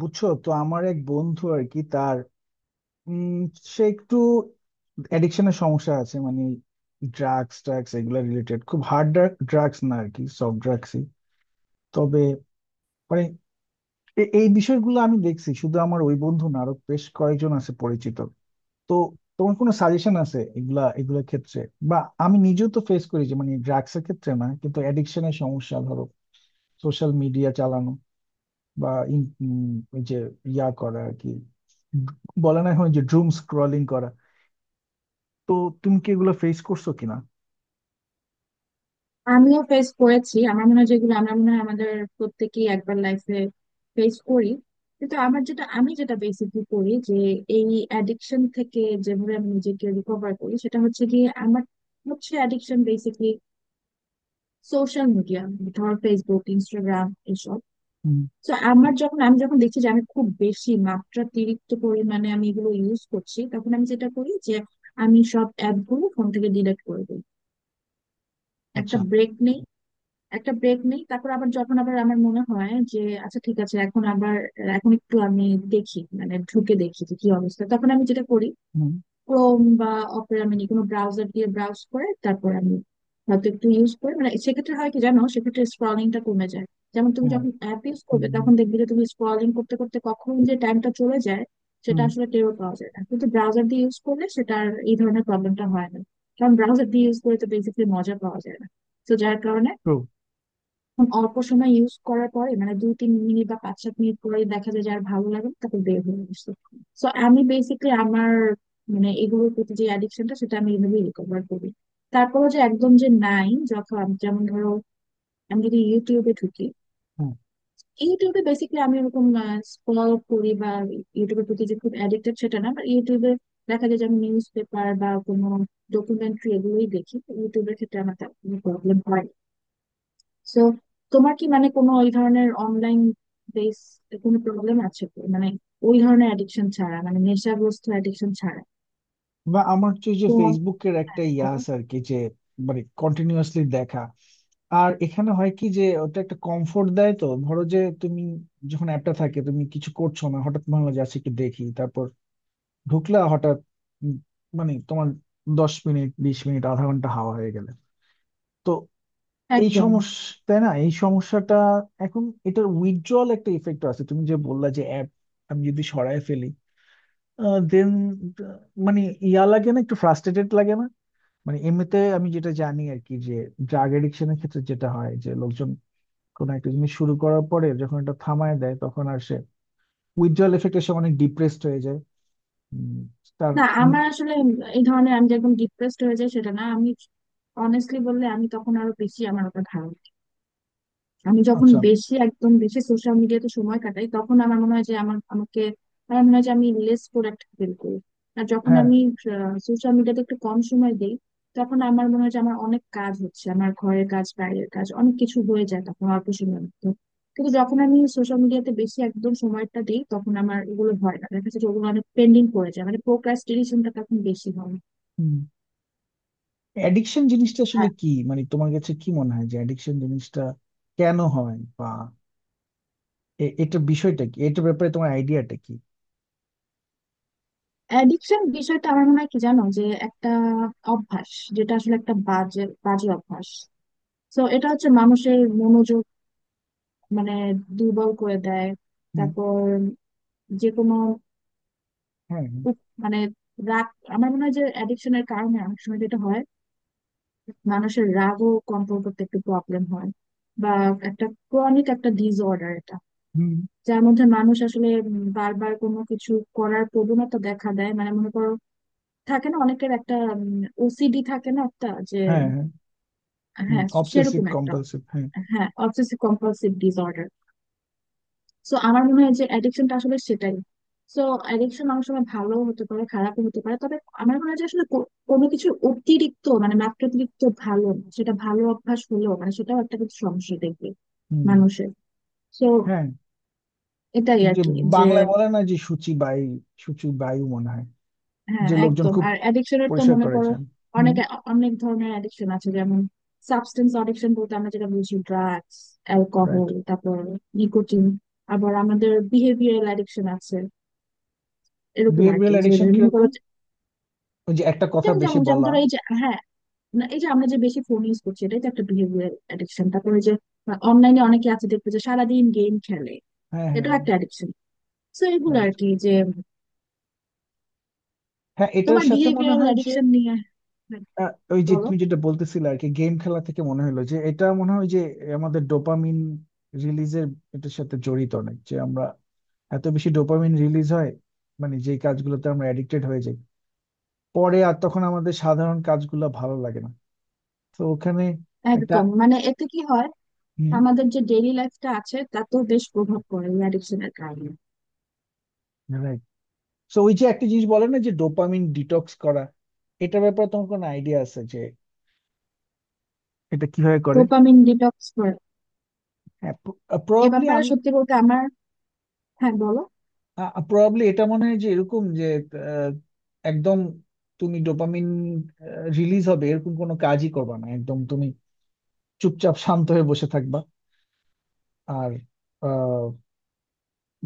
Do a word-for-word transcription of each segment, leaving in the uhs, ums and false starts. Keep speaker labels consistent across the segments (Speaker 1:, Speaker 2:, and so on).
Speaker 1: বুঝছো তো আমার এক বন্ধু আর কি তার উম সে একটু অ্যাডিকশনের সমস্যা আছে মানে ড্রাগস ট্রাগস এগুলা রিলেটেড, খুব হার্ড ড্রাগস না আর কি, সফট ড্রাগসই। তবে মানে এ- এই বিষয়গুলো আমি দেখছি শুধু আমার ওই বন্ধু না, আরো বেশ কয়েকজন আছে পরিচিত। তো তোমার কোনো সাজেশন আছে এগুলা এগুলোর ক্ষেত্রে? বা আমি নিজেও তো ফেস করি যে, মানে ড্রাগসের ক্ষেত্রে না কিন্তু অ্যাডিকশনের সমস্যা, ধরো সোশ্যাল মিডিয়া চালানো বা ইন উম ওই যে ইয়া করা আর কি, বলে না হয় যে ড্রুম স্ক্রলিং করা। তো তুমি কি এগুলো ফেস করছো কিনা?
Speaker 2: আমিও ফেস করেছি। আমার মনে হয় যেগুলো আমরা মনে হয় আমাদের প্রত্যেকেই একবার লাইফে ফেস করি। কিন্তু আমার যেটা আমি যেটা বেসিকলি করি যে এই অ্যাডিকশন থেকে যেভাবে আমি নিজেকে রিকভার করি, সেটা হচ্ছে গিয়ে আমার হচ্ছে অ্যাডিকশন বেসিকলি সোশ্যাল মিডিয়া, ধর ফেসবুক, ইনস্টাগ্রাম এসব।
Speaker 1: হুম,
Speaker 2: তো আমার যখন আমি যখন দেখছি যে আমি খুব বেশি মাত্রাতিরিক্ত পরিমাণে আমি এগুলো ইউজ করছি, তখন আমি যেটা করি যে আমি সব অ্যাপগুলো ফোন থেকে ডিলিট করে দিই। একটা
Speaker 1: আচ্ছা,
Speaker 2: ব্রেক নেই। একটা ব্রেক নেই, তারপর আবার যখন আবার আমার মনে হয় যে আচ্ছা, ঠিক আছে, এখন আবার এখন একটু আমি দেখি, মানে ঢুকে দেখি যে কি অবস্থা, তখন আমি যেটা করি
Speaker 1: হুম,
Speaker 2: ক্রোম বা অপেরা মিনি, কোনো ব্রাউজার দিয়ে ব্রাউজ করে তারপর আমি হয়তো একটু ইউজ করে মানে সেক্ষেত্রে হয় কি জানো, সেক্ষেত্রে স্ক্রলিংটা কমে যায়। যেমন তুমি
Speaker 1: হ্যাঁ,
Speaker 2: যখন অ্যাপ ইউজ করবে
Speaker 1: হুম,
Speaker 2: তখন দেখবে যে তুমি স্ক্রলিং করতে করতে কখন যে টাইমটা চলে যায় সেটা
Speaker 1: হুম,
Speaker 2: আসলে টেরও পাওয়া যায় না, কিন্তু ব্রাউজার দিয়ে ইউজ করলে সেটা আর এই ধরনের প্রবলেমটা হয় না। কারণ ব্রাউজার দিয়ে ইউজ করে তো বেসিক্যালি মজা পাওয়া যায় না, তো যার কারণে
Speaker 1: ট্রু,
Speaker 2: এখন অল্প সময় ইউজ করার পরে মানে দুই তিন মিনিট বা পাঁচ সাত মিনিট পরে দেখা যায় যে আর ভালো লাগে না, তারপর বের হয়ে আসছে। সো আমি বেসিকলি আমার মানে এগুলোর প্রতি যে অ্যাডিকশনটা সেটা আমি এইভাবেই রিকভার করি। তারপরও যে একদম যে নাই, যখন যেমন ধরো আমি যদি ইউটিউবে ঢুকি,
Speaker 1: হ্যাঁ।
Speaker 2: ইউটিউবে বেসিক্যালি আমি এরকম স্ক্রল করি বা ইউটিউবের প্রতি যে খুব অ্যাডিক্টেড সেটা না, বাট ইউটিউবে দেখা যায় যে আমি নিউজ পেপার বা কোনো ডকুমেন্টরি এগুলোই দেখি। ইউটিউবের ক্ষেত্রে আমার তেমন কোনো প্রবলেম হয় না। সো তোমার কি মানে কোনো ওই ধরনের অনলাইন বেস কোনো প্রবলেম আছে কি? মানে ওই ধরনের অ্যাডিকশন ছাড়া মানে নেশাগ্রস্ত অ্যাডিকশন ছাড়া
Speaker 1: বা আমার হচ্ছে যে
Speaker 2: তো অনেক
Speaker 1: ফেসবুকের একটা ইয়া
Speaker 2: ভালো।
Speaker 1: আছে আর কি, যে মানে কন্টিনিউয়াসলি দেখা। আর এখানে হয় কি যে ওটা একটা কমফোর্ট দেয়, তো ধরো যে তুমি, যখন অ্যাপটা থাকে, তুমি কিছু করছো না, হঠাৎ মনে হলো যে আচ্ছা একটু দেখি, তারপর ঢুকলা হঠাৎ, উম, মানে তোমার দশ মিনিট, বিশ মিনিট, আধা ঘন্টা হাওয়া হয়ে গেলে। তো এই
Speaker 2: একদম না।
Speaker 1: সমস্যা তাই না, এই সমস্যাটা। এখন এটার উইথড্রল একটা ইফেক্ট আছে, তুমি যে বললা যে অ্যাপ আমি যদি সরায় ফেলি, দেন মানে ইয়া লাগে না, একটু ফ্রাস্ট্রেটেড লাগে না? মানে এমনিতে আমি যেটা জানি আর কি, যে ড্রাগ এডিকশনের ক্ষেত্রে যেটা হয়, যে লোকজন কোনো একটা জিনিস শুরু করার পরে যখন এটা থামায় দেয়, তখন আর সে উইথড্রল এফেক্টে সে অনেক ডিপ্রেসড হয়ে যায়। উম, তার,
Speaker 2: না,
Speaker 1: উম,
Speaker 2: আমার আসলে এই ধরনের আমি যে একদম ডিপ্রেসড হয়ে যাই সেটা না। আমি অনেস্টলি বললে আমি তখন আরো বেশি আমার ওপর ধারণা, আমি যখন
Speaker 1: আচ্ছা,
Speaker 2: বেশি একদম বেশি সোশ্যাল মিডিয়াতে সময় কাটাই তখন আমার মনে হয় যে আমার আমাকে আমার মনে হয় যে আমি লেস প্রোডাক্টিভ ফিল করি। আর যখন
Speaker 1: হ্যাঁ।
Speaker 2: আমি সোশ্যাল মিডিয়াতে একটু কম সময় দিই, তখন আমার মনে হয় যে আমার অনেক কাজ হচ্ছে, আমার ঘরের কাজ, বাইরের কাজ অনেক কিছু হয়ে যায় তখন অল্প সময়ের মধ্যে। কিন্তু যখন আমি সোশ্যাল মিডিয়াতে বেশি একদম সময়টা দিই তখন আমার এগুলো হয় না, দেখা যাচ্ছে যে ওগুলো অনেক পেন্ডিং পড়ে যায়, মানে প্রোক্রাস্টিনেশনটা তখন বেশি হয়।
Speaker 1: অ্যাডিকশন জিনিসটা আসলে কি, মানে তোমার কাছে কি মনে হয় যে অ্যাডিকশন জিনিসটা কেন হয়? এ- এটার বিষয়টা কি, এটার ব্যাপারে তোমার আইডিয়াটা কি?
Speaker 2: অ্যাডিকশন বিষয়টা আমার মনে হয় কি জানো, যে একটা অভ্যাস, যেটা আসলে একটা বাজে বাজে অভ্যাস। তো এটা হচ্ছে মানুষের মনোযোগ মানে দুর্বল করে দেয়।
Speaker 1: হুম,
Speaker 2: তারপর যে কোনো
Speaker 1: হ্যাঁ,
Speaker 2: উপ- মানে রাগ, আমার মনে হয় যে অ্যাডিকশনের কারণে অনেক সময় যেটা হয়, মানুষের রাগও কন্ট্রোল করতে একটু প্রবলেম হয়। বা একটা ক্রনিক একটা ডিসঅর্ডার এটা,
Speaker 1: হুম,
Speaker 2: যার মধ্যে মানুষ আসলে উম, বারবার কোনো কিছু করার প্রবণতা দেখা দেয়। মানে মনে করো থাকে না, অনেকের একটা ওসিডি থাকে না একটা, যে
Speaker 1: হ্যাঁ, হ্যাঁ, হুম,
Speaker 2: হ্যাঁ
Speaker 1: অবসেসিভ
Speaker 2: সেরকম একটা,
Speaker 1: কম্পালসিভ, হ্যাঁ,
Speaker 2: হ্যাঁ অবসেসিভ কম্পালসিভ ডিসঅর্ডার। সো আমার মনে হয় যে অ্যাডিকশনটা আসলে সেটাই। সো অ্যাডিকশন অনেক সময় ভালো হতে পারে, খারাপও হতে পারে, তবে আমার মনে হয় যে আসলে কো- কোনো কিছু অতিরিক্ত মানে মাত্রাতিরিক্ত ভালো না। সেটা ভালো অভ্যাস হলেও মানে সেটাও একটা কিছু সমস্যা দেখবে
Speaker 1: হুম,
Speaker 2: মানুষের। তো
Speaker 1: হ্যাঁ।
Speaker 2: এটাই
Speaker 1: এই
Speaker 2: আর
Speaker 1: যে
Speaker 2: কি যে,
Speaker 1: বাংলায় বলে না যে শুচিবায়ু, শুচিবায়ু মনে হয়,
Speaker 2: হ্যাঁ
Speaker 1: যে লোকজন
Speaker 2: একদম।
Speaker 1: খুব
Speaker 2: আর অ্যাডিকশনের তো
Speaker 1: পরিষ্কার
Speaker 2: মনে করো
Speaker 1: করেছেন।
Speaker 2: অনেক
Speaker 1: হুম,
Speaker 2: অনেক ধরনের অ্যাডিকশন আছে, যেমন সাবস্টেন্স অ্যাডিকশন বলতে আমরা যেটা বুঝি ড্রাগস,
Speaker 1: রাইট।
Speaker 2: অ্যালকোহল, তারপর নিকোটিন। আবার আমাদের বিহেভিয়ারাল অ্যাডিকশন আছে এরকম আর
Speaker 1: বিহেভিয়ারাল
Speaker 2: কি। যে
Speaker 1: অ্যাডিকশন
Speaker 2: মনে
Speaker 1: কিরকম?
Speaker 2: করো যে-
Speaker 1: ওই যে একটা কথা
Speaker 2: যেমন
Speaker 1: বেশি
Speaker 2: যেমন যেমন
Speaker 1: বলা।
Speaker 2: ধরো এই যে, হ্যাঁ না, এই যে আমরা যে বেশি ফোন ইউজ করছি এটাই তো একটা বিহেভিয়ারাল অ্যাডিকশন। তারপরে যে অনলাইনে অনেকে আছে দেখবে যে সারাদিন গেম খেলে,
Speaker 1: হ্যাঁ, হ্যাঁ,
Speaker 2: এটাও একটা অ্যাডিকশন। তো এগুলো আর
Speaker 1: রাইট।
Speaker 2: কি যে
Speaker 1: হ্যাঁ এটার
Speaker 2: তোমার
Speaker 1: সাথে মনে
Speaker 2: বিহেভিয়ারাল
Speaker 1: হয় যে,
Speaker 2: অ্যাডিকশন নিয়ে, হ্যাঁ,
Speaker 1: আহ, ওই যে
Speaker 2: বলো।
Speaker 1: তুমি যেটা বলতেছিলে আর কি, গেম খেলা থেকে মনে হলো যে, এটা মনে হয় যে আমাদের ডোপামিন রিলিজের, এটার সাথে জড়িত অনেক, যে আমরা এত বেশি ডোপামিন রিলিজ হয় মানে যেই কাজগুলোতে আমরা অ্যাডিক্টেড হয়ে যাই, পরে আর তখন আমাদের সাধারণ কাজগুলো ভালো লাগে না। তো ওখানে একটা,
Speaker 2: একদম, মানে এতে কি হয়
Speaker 1: হুম,
Speaker 2: আমাদের যে ডেইলি লাইফটা আছে তাতেও বেশ প্রভাব পড়ে এই অ্যাডিকশনের কারণে।
Speaker 1: রাইট। তো ওই যে একটা জিনিস বলে না যে ডোপামিন ডিটক্স করা, এটার ব্যাপারে তোমার কোনো আইডিয়া আছে যে এটা কিভাবে করে?
Speaker 2: ডোপামিন ডিটক্স করে
Speaker 1: হ্যাঁ,
Speaker 2: এ
Speaker 1: প্রবাবলি
Speaker 2: ব্যাপারে
Speaker 1: আমি
Speaker 2: সত্যি বলতে আমার, হ্যাঁ বলো।
Speaker 1: প্রবাবলি এটা মনে হয় যে এরকম যে, আহ, একদম তুমি ডোপামিন রিলিজ হবে এরকম কোনো কাজই করবা না, একদম তুমি চুপচাপ শান্ত হয়ে বসে থাকবা। আর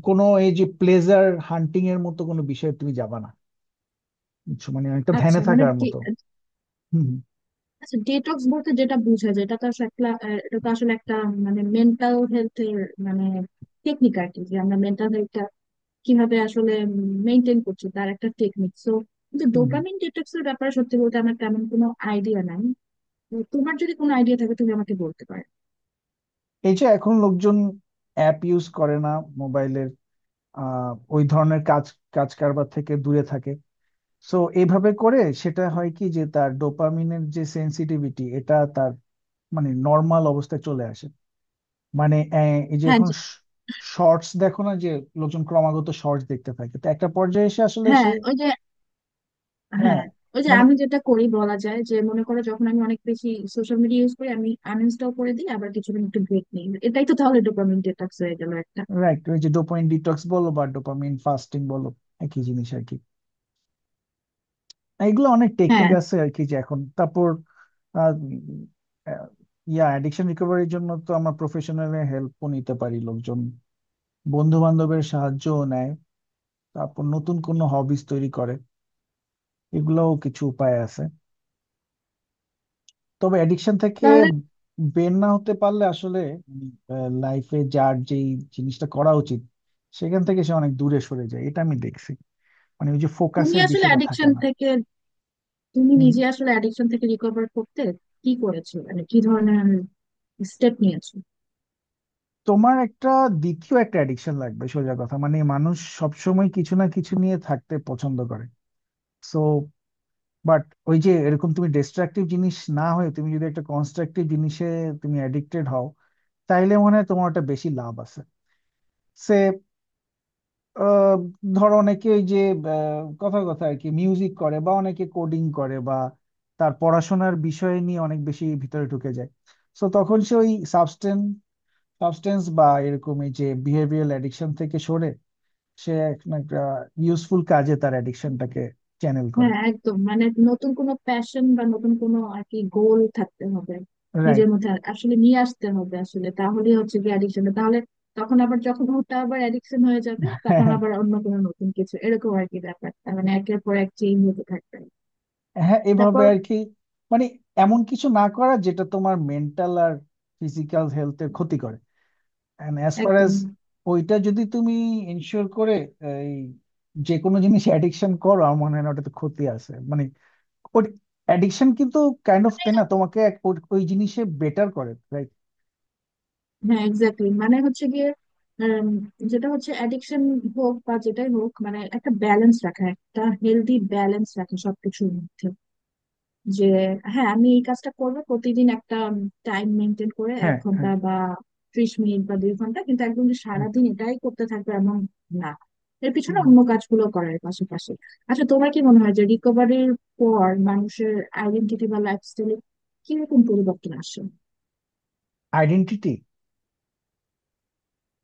Speaker 1: কোনো এই যে প্লেজার হান্টিং এর মতো কোনো বিষয়ে তুমি যাবা না। বুঝছো? মানে একটা
Speaker 2: আচ্ছা
Speaker 1: ধ্যানে
Speaker 2: মানে
Speaker 1: থাকার
Speaker 2: ডি-
Speaker 1: মতো। হুম,
Speaker 2: আচ্ছা ডিটক্স বলতে যেটা বোঝা যায় এটা তো আসলে একটা আহ, এটা তো আসলে একটা মানে মেন্টাল হেলথের মানে টেকনিক আর কি। যে আমরা মেন্টাল হেলথটা কিভাবে আসলে মেনটেন করছি তার একটা টেকনিক। সো কিন্তু
Speaker 1: হুম, হুম।
Speaker 2: ডোপামিন ডিটক্স এর ব্যাপারে সত্যি বলতে আমার তেমন কোনো আইডিয়া নাই। তো তোমার যদি কোনো আইডিয়া থাকে তুমি আমাকে বলতে পারো।
Speaker 1: এই যে এখন লোকজন অ্যাপ ইউজ করে না, মোবাইলের, আহ ওই ধরনের কাজ, কাজ কারবার থেকে দূরে থাকে। সো এইভাবে করে সেটা হয় কি যে তার ডোপামিনের যে সেন্সিটিভিটি এটা তার মানে নর্মাল অবস্থায় চলে আসে। মানে আহ, এই যে
Speaker 2: হ্যাঁ
Speaker 1: এখন
Speaker 2: যে-
Speaker 1: শর্টস দেখো না, যে লোকজন ক্রমাগত শর্টস দেখতে থাকে, তো একটা পর্যায়ে এসে আসলে সে,
Speaker 2: হ্যাঁ ওই যে
Speaker 1: হ্যাঁ,
Speaker 2: হ্যাঁ ওই যে
Speaker 1: মানে,
Speaker 2: আমি যেটা করি বলা যায় যে মনে করো, যখন আমি অনেক বেশি সোশ্যাল মিডিয়া ইউজ করি, আমি আনইনস্টল করে দিই, আবার কিছুদিন একটু ব্রেক নিই, এটাই তো তাহলে ডোপামিন ডিটক্স হয়ে গেল একটা।
Speaker 1: রাইট। ওই যে ডোপামিন ডিটক্স বলো বা ডোপামিন ফাস্টিং বলো, একই জিনিস আর কি। এগুলো অনেক টেকনিক
Speaker 2: হ্যাঁ
Speaker 1: আছে আর কি যে এখন, তারপর আহ, উম, আহ, ইয়া অ্যাডিকশন রিকভারির জন্য তো আমরা প্রফেশনাল হেল্প নিতে পারি, লোকজন বন্ধু বান্ধবের সাহায্যও নেয়, তারপর নতুন কোনো হবিস তৈরি করে, এগুলোও কিছু উপায় আছে। তবে অ্যাডিকশন থেকে
Speaker 2: তাহলে
Speaker 1: বের না হতে পারলে আসলে লাইফে যার যেই জিনিসটা করা উচিত সেখান থেকে সে অনেক দূরে সরে যায়, এটা আমি দেখছি। মানে ওই যে
Speaker 2: তুমি
Speaker 1: ফোকাসের
Speaker 2: আসলে
Speaker 1: বিষয়টা থাকে
Speaker 2: অ্যাডিকশন
Speaker 1: না।
Speaker 2: থেকে, তুমি
Speaker 1: হুম,
Speaker 2: নিজে আসলে অ্যাডিকশন থেকে রিকভার করতে কি করেছো, মানে কি ধরনের স্টেপ নিয়েছো?
Speaker 1: তোমার একটা, দ্বিতীয় একটা অ্যাডিকশন লাগবে সোজা কথা, মানে মানুষ সবসময় কিছু না কিছু নিয়ে থাকতে পছন্দ করে। সো বাট ওই যে এরকম তুমি ডিস্ট্রাকটিভ জিনিস না হয়ে তুমি যদি একটা কনস্ট্রাকটিভ জিনিসে তুমি অ্যাডিক্টেড হও, তাইলে মনে হয় তোমার ওটা বেশি লাভ আছে। সে আহ, ধরো অনেকে ওই যে আহ, কথার কথা আর কি, মিউজিক করে বা অনেকে কোডিং করে বা তার পড়াশোনার বিষয় নিয়ে অনেক বেশি ভিতরে ঢুকে যায়। সো তখন সে ওই সাবস্টেন্স সাবস্টেন্স বা এরকম এই যে বিহেভিয়ারাল অ্যাডিকশন থেকে সরে সে এখন একটা ইউজফুল কাজে তার অ্যাডিকশনটাকে চ্যানেল করে।
Speaker 2: হ্যাঁ একদম, মানে নতুন কোনো প্যাশন বা নতুন কোনো আর কি গোল থাকতে হবে
Speaker 1: রাইট,
Speaker 2: নিজের মধ্যে। আর- আসলে নিয়ে আসতে হবে, আসলে তাহলেই হচ্ছে কি অ্যাডিকশন তাহলে, তখন আবার যখন ওটা আবার অ্যাডিকশন হয়ে যাবে তখন
Speaker 1: হ্যাঁ,
Speaker 2: আবার অন্য কোনো নতুন কিছু, এরকম আর কি ব্যাপারটা মানে একের পর এক চেঞ্জ হতে থাকবে।
Speaker 1: হ্যাঁ, এভাবে
Speaker 2: তারপর
Speaker 1: আর কি। মানে এমন কিছু না করা যেটা তোমার মেন্টাল আর ফিজিক্যাল হেলথের ক্ষতি করে। অ্যান্ড অ্যাজ ফার অ্যাজ
Speaker 2: একদম,
Speaker 1: ওইটা যদি তুমি ইনশিওর করে, এই যে কোনো জিনিস অ্যাডিকশন করো আমার মনে হয় না ওটাতে ক্ষতি আছে, মানে ওর অ্যাডিকশন কিন্তু কাইন্ড অফ তাই না, তোমাকে এক- ওই ওই জিনিসে বেটার করে, রাইট?
Speaker 2: হ্যাঁ এক্স্যাক্টলি, মানে হচ্ছে গিয়ে উম, যেটা হচ্ছে অ্যাডিকশন হোক বা যেটাই হোক, মানে একটা ব্যালেন্স রাখা, একটা হেলদি ব্যালেন্স রাখা সবকিছুর মধ্যে। যে হ্যাঁ আমি এই কাজটা করব প্রতিদিন একটা টাইম মেনটেন করে এক
Speaker 1: হ্যাঁ, হ্যাঁ,
Speaker 2: ঘন্টা বা ত্রিশ মিনিট বা দুই ঘন্টা, কিন্তু একদম যে সারাদিন এটাই করতে থাকবে এমন না। এর পিছনে
Speaker 1: right.
Speaker 2: অন্য কাজগুলো করার পাশাপাশি। আচ্ছা তোমার কি মনে হয় যে রিকভারির পর মানুষের আইডেন্টিটি বা লাইফস্টাইলে কিরকম পরিবর্তন আসে?
Speaker 1: আইডেন্টিটি?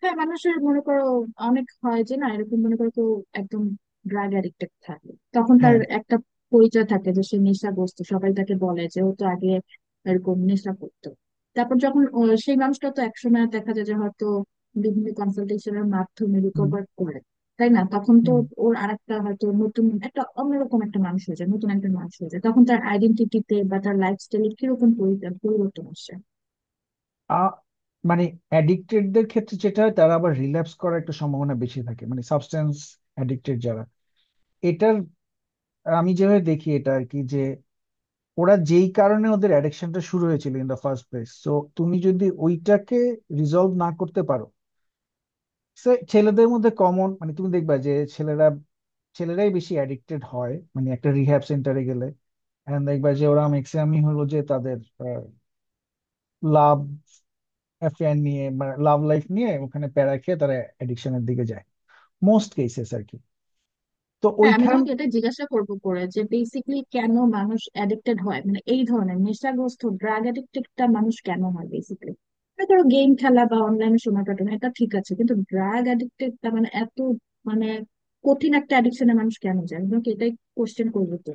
Speaker 2: হ্যাঁ মানুষের মনে করো অনেক হয় যে না এরকম, মনে করো কেউ একদম ড্রাগ অ্যাডিক্টেড থাকে, তখন তার
Speaker 1: হ্যাঁ,
Speaker 2: একটা পরিচয় থাকে যে সে নেশাগ্রস্ত, সবাই তাকে বলে যে ও তো আগে এরকম নেশা করতো। তারপর যখন ও- সেই মানুষটা তো একসময় দেখা যায় যে হয়তো বিভিন্ন কনসালটেশনের মাধ্যমে
Speaker 1: হুম,
Speaker 2: রিকভার করে, তাই না? তখন তো
Speaker 1: হুম।
Speaker 2: ওর আরেকটা হয়তো নতুন একটা অন্যরকম একটা মানুষ হয়ে যায়, নতুন একটা মানুষ হয়ে যায়, তখন তার আইডেন্টিটিতে বা তার লাইফস্টাইলে কিরকম পরি- পরিবর্তন আসে?
Speaker 1: আ, মানে অ্যাডিক্টেডদের ক্ষেত্রে যেটা হয়, তারা আবার রিল্যাপস করার একটা সম্ভাবনা বেশি থাকে, মানে সাবস্টেন্স অ্যাডিক্টেড যারা। এটার, আমি যেভাবে দেখি এটা আর কি যে ওরা যেই কারণে ওদের অ্যাডিকশনটা শুরু হয়েছিল in the first place, so তুমি যদি ওইটাকে রিজলভ না করতে পারো, সে ছেলেদের মধ্যে কমন, মানে তুমি দেখবা যে ছেলেরা ছেলেরাই বেশি অ্যাডিক্টেড হয়, মানে একটা রিহ্যাব সেন্টারে গেলে এন্ড দেখবা যে ওরা ম্যাক্সিমামই হলো যে তাদের লাভ অ্যাফেয়ার নিয়ে বা লাভ লাইফ নিয়ে ওখানে প্যারা খেয়ে তারা অ্যাডিকশনের দিকে যায়, মোস্ট কেসেস আর কি। তো
Speaker 2: হ্যাঁ আমি
Speaker 1: ওইখান,
Speaker 2: তোমাকে এটা জিজ্ঞাসা করবো করে যে বেসিকলি কেন মানুষ অ্যাডিক্টেড হয়, মানে এই ধরনের নেশাগ্রস্ত ড্রাগ অ্যাডিক্টেডটা মানুষ কেন হয় বেসিকলি। ধরো গেম খেলা বা অনলাইনে সময় কাটানো এটা ঠিক আছে, কিন্তু ড্রাগ অ্যাডিক্টেডটা মানে এত মানে কঠিন একটা অ্যাডিকশনে মানুষ কেন যায়, আমি তোমাকে এটাই কোশ্চেন করবো তো।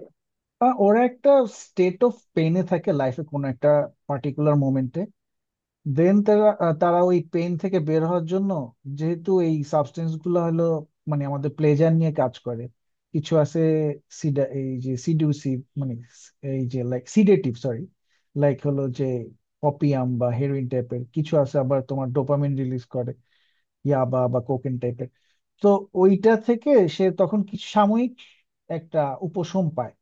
Speaker 1: আহ, ওরা একটা স্টেট অফ পেইনে থাকে লাইফে কোনো একটা পার্টিকুলার মোমেন্টে, দেন তারা আহ, তারা ওই পেইন থেকে বের হওয়ার জন্য, যেহেতু এই সাবস্টেন্স গুলো হলো মানে আমাদের প্লেজার নিয়ে কাজ করে, কিছু আছে সিডা এই যে সিডিউসিভ, মানে এই যে লাইক সিডেটিভ, সরি, লাইক, হলো যে অপিয়াম বা হেরোইন টাইপের, কিছু আছে আবার তোমার ডোপামিন রিলিজ করে, ইয়াবা বা কোকেন টাইপের। তো ওইটা থেকে সে তখন কিছু সাময়িক একটা উপশম পায়।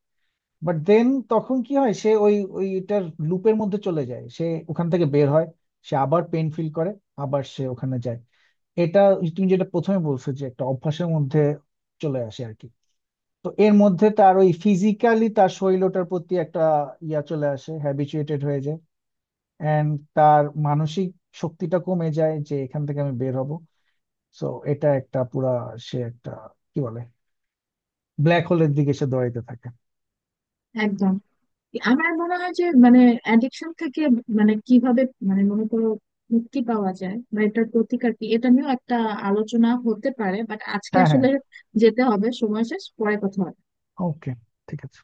Speaker 1: বাট দেন তখন কি হয়, সে ওই ওইটার লুপের মধ্যে চলে যায়, সে ওখান থেকে বের হয়, সে আবার পেন ফিল করে, আবার সে ওখানে যায়। এটা তুমি যেটা প্রথমে বলছো যে একটা অভ্যাসের মধ্যে চলে আসে আর কি। তো এর মধ্যে তার ওই ফিজিক্যালি তার শরীর ওটার প্রতি একটা ইয়া চলে আসে, হ্যাবিচুয়েটেড হয়ে যায়। এন্ড তার মানসিক শক্তিটা কমে যায় যে এখান থেকে আমি বের হব। সো এটা একটা পুরা, সে একটা কি বলে, ব্ল্যাক হোলের দিকে সে দৌড়াইতে থাকে।
Speaker 2: একদম, আমার মনে হয় যে মানে অ্যাডিকশন থেকে মানে কিভাবে মানে মনে করো মুক্তি পাওয়া যায় বা এটার প্রতিকার কি এটা নিয়েও একটা আলোচনা হতে পারে, বাট আজকে
Speaker 1: হ্যাঁ, হ্যাঁ,
Speaker 2: আসলে যেতে হবে, সময় শেষ, পরে কথা হবে।
Speaker 1: ওকে, ঠিক আছে।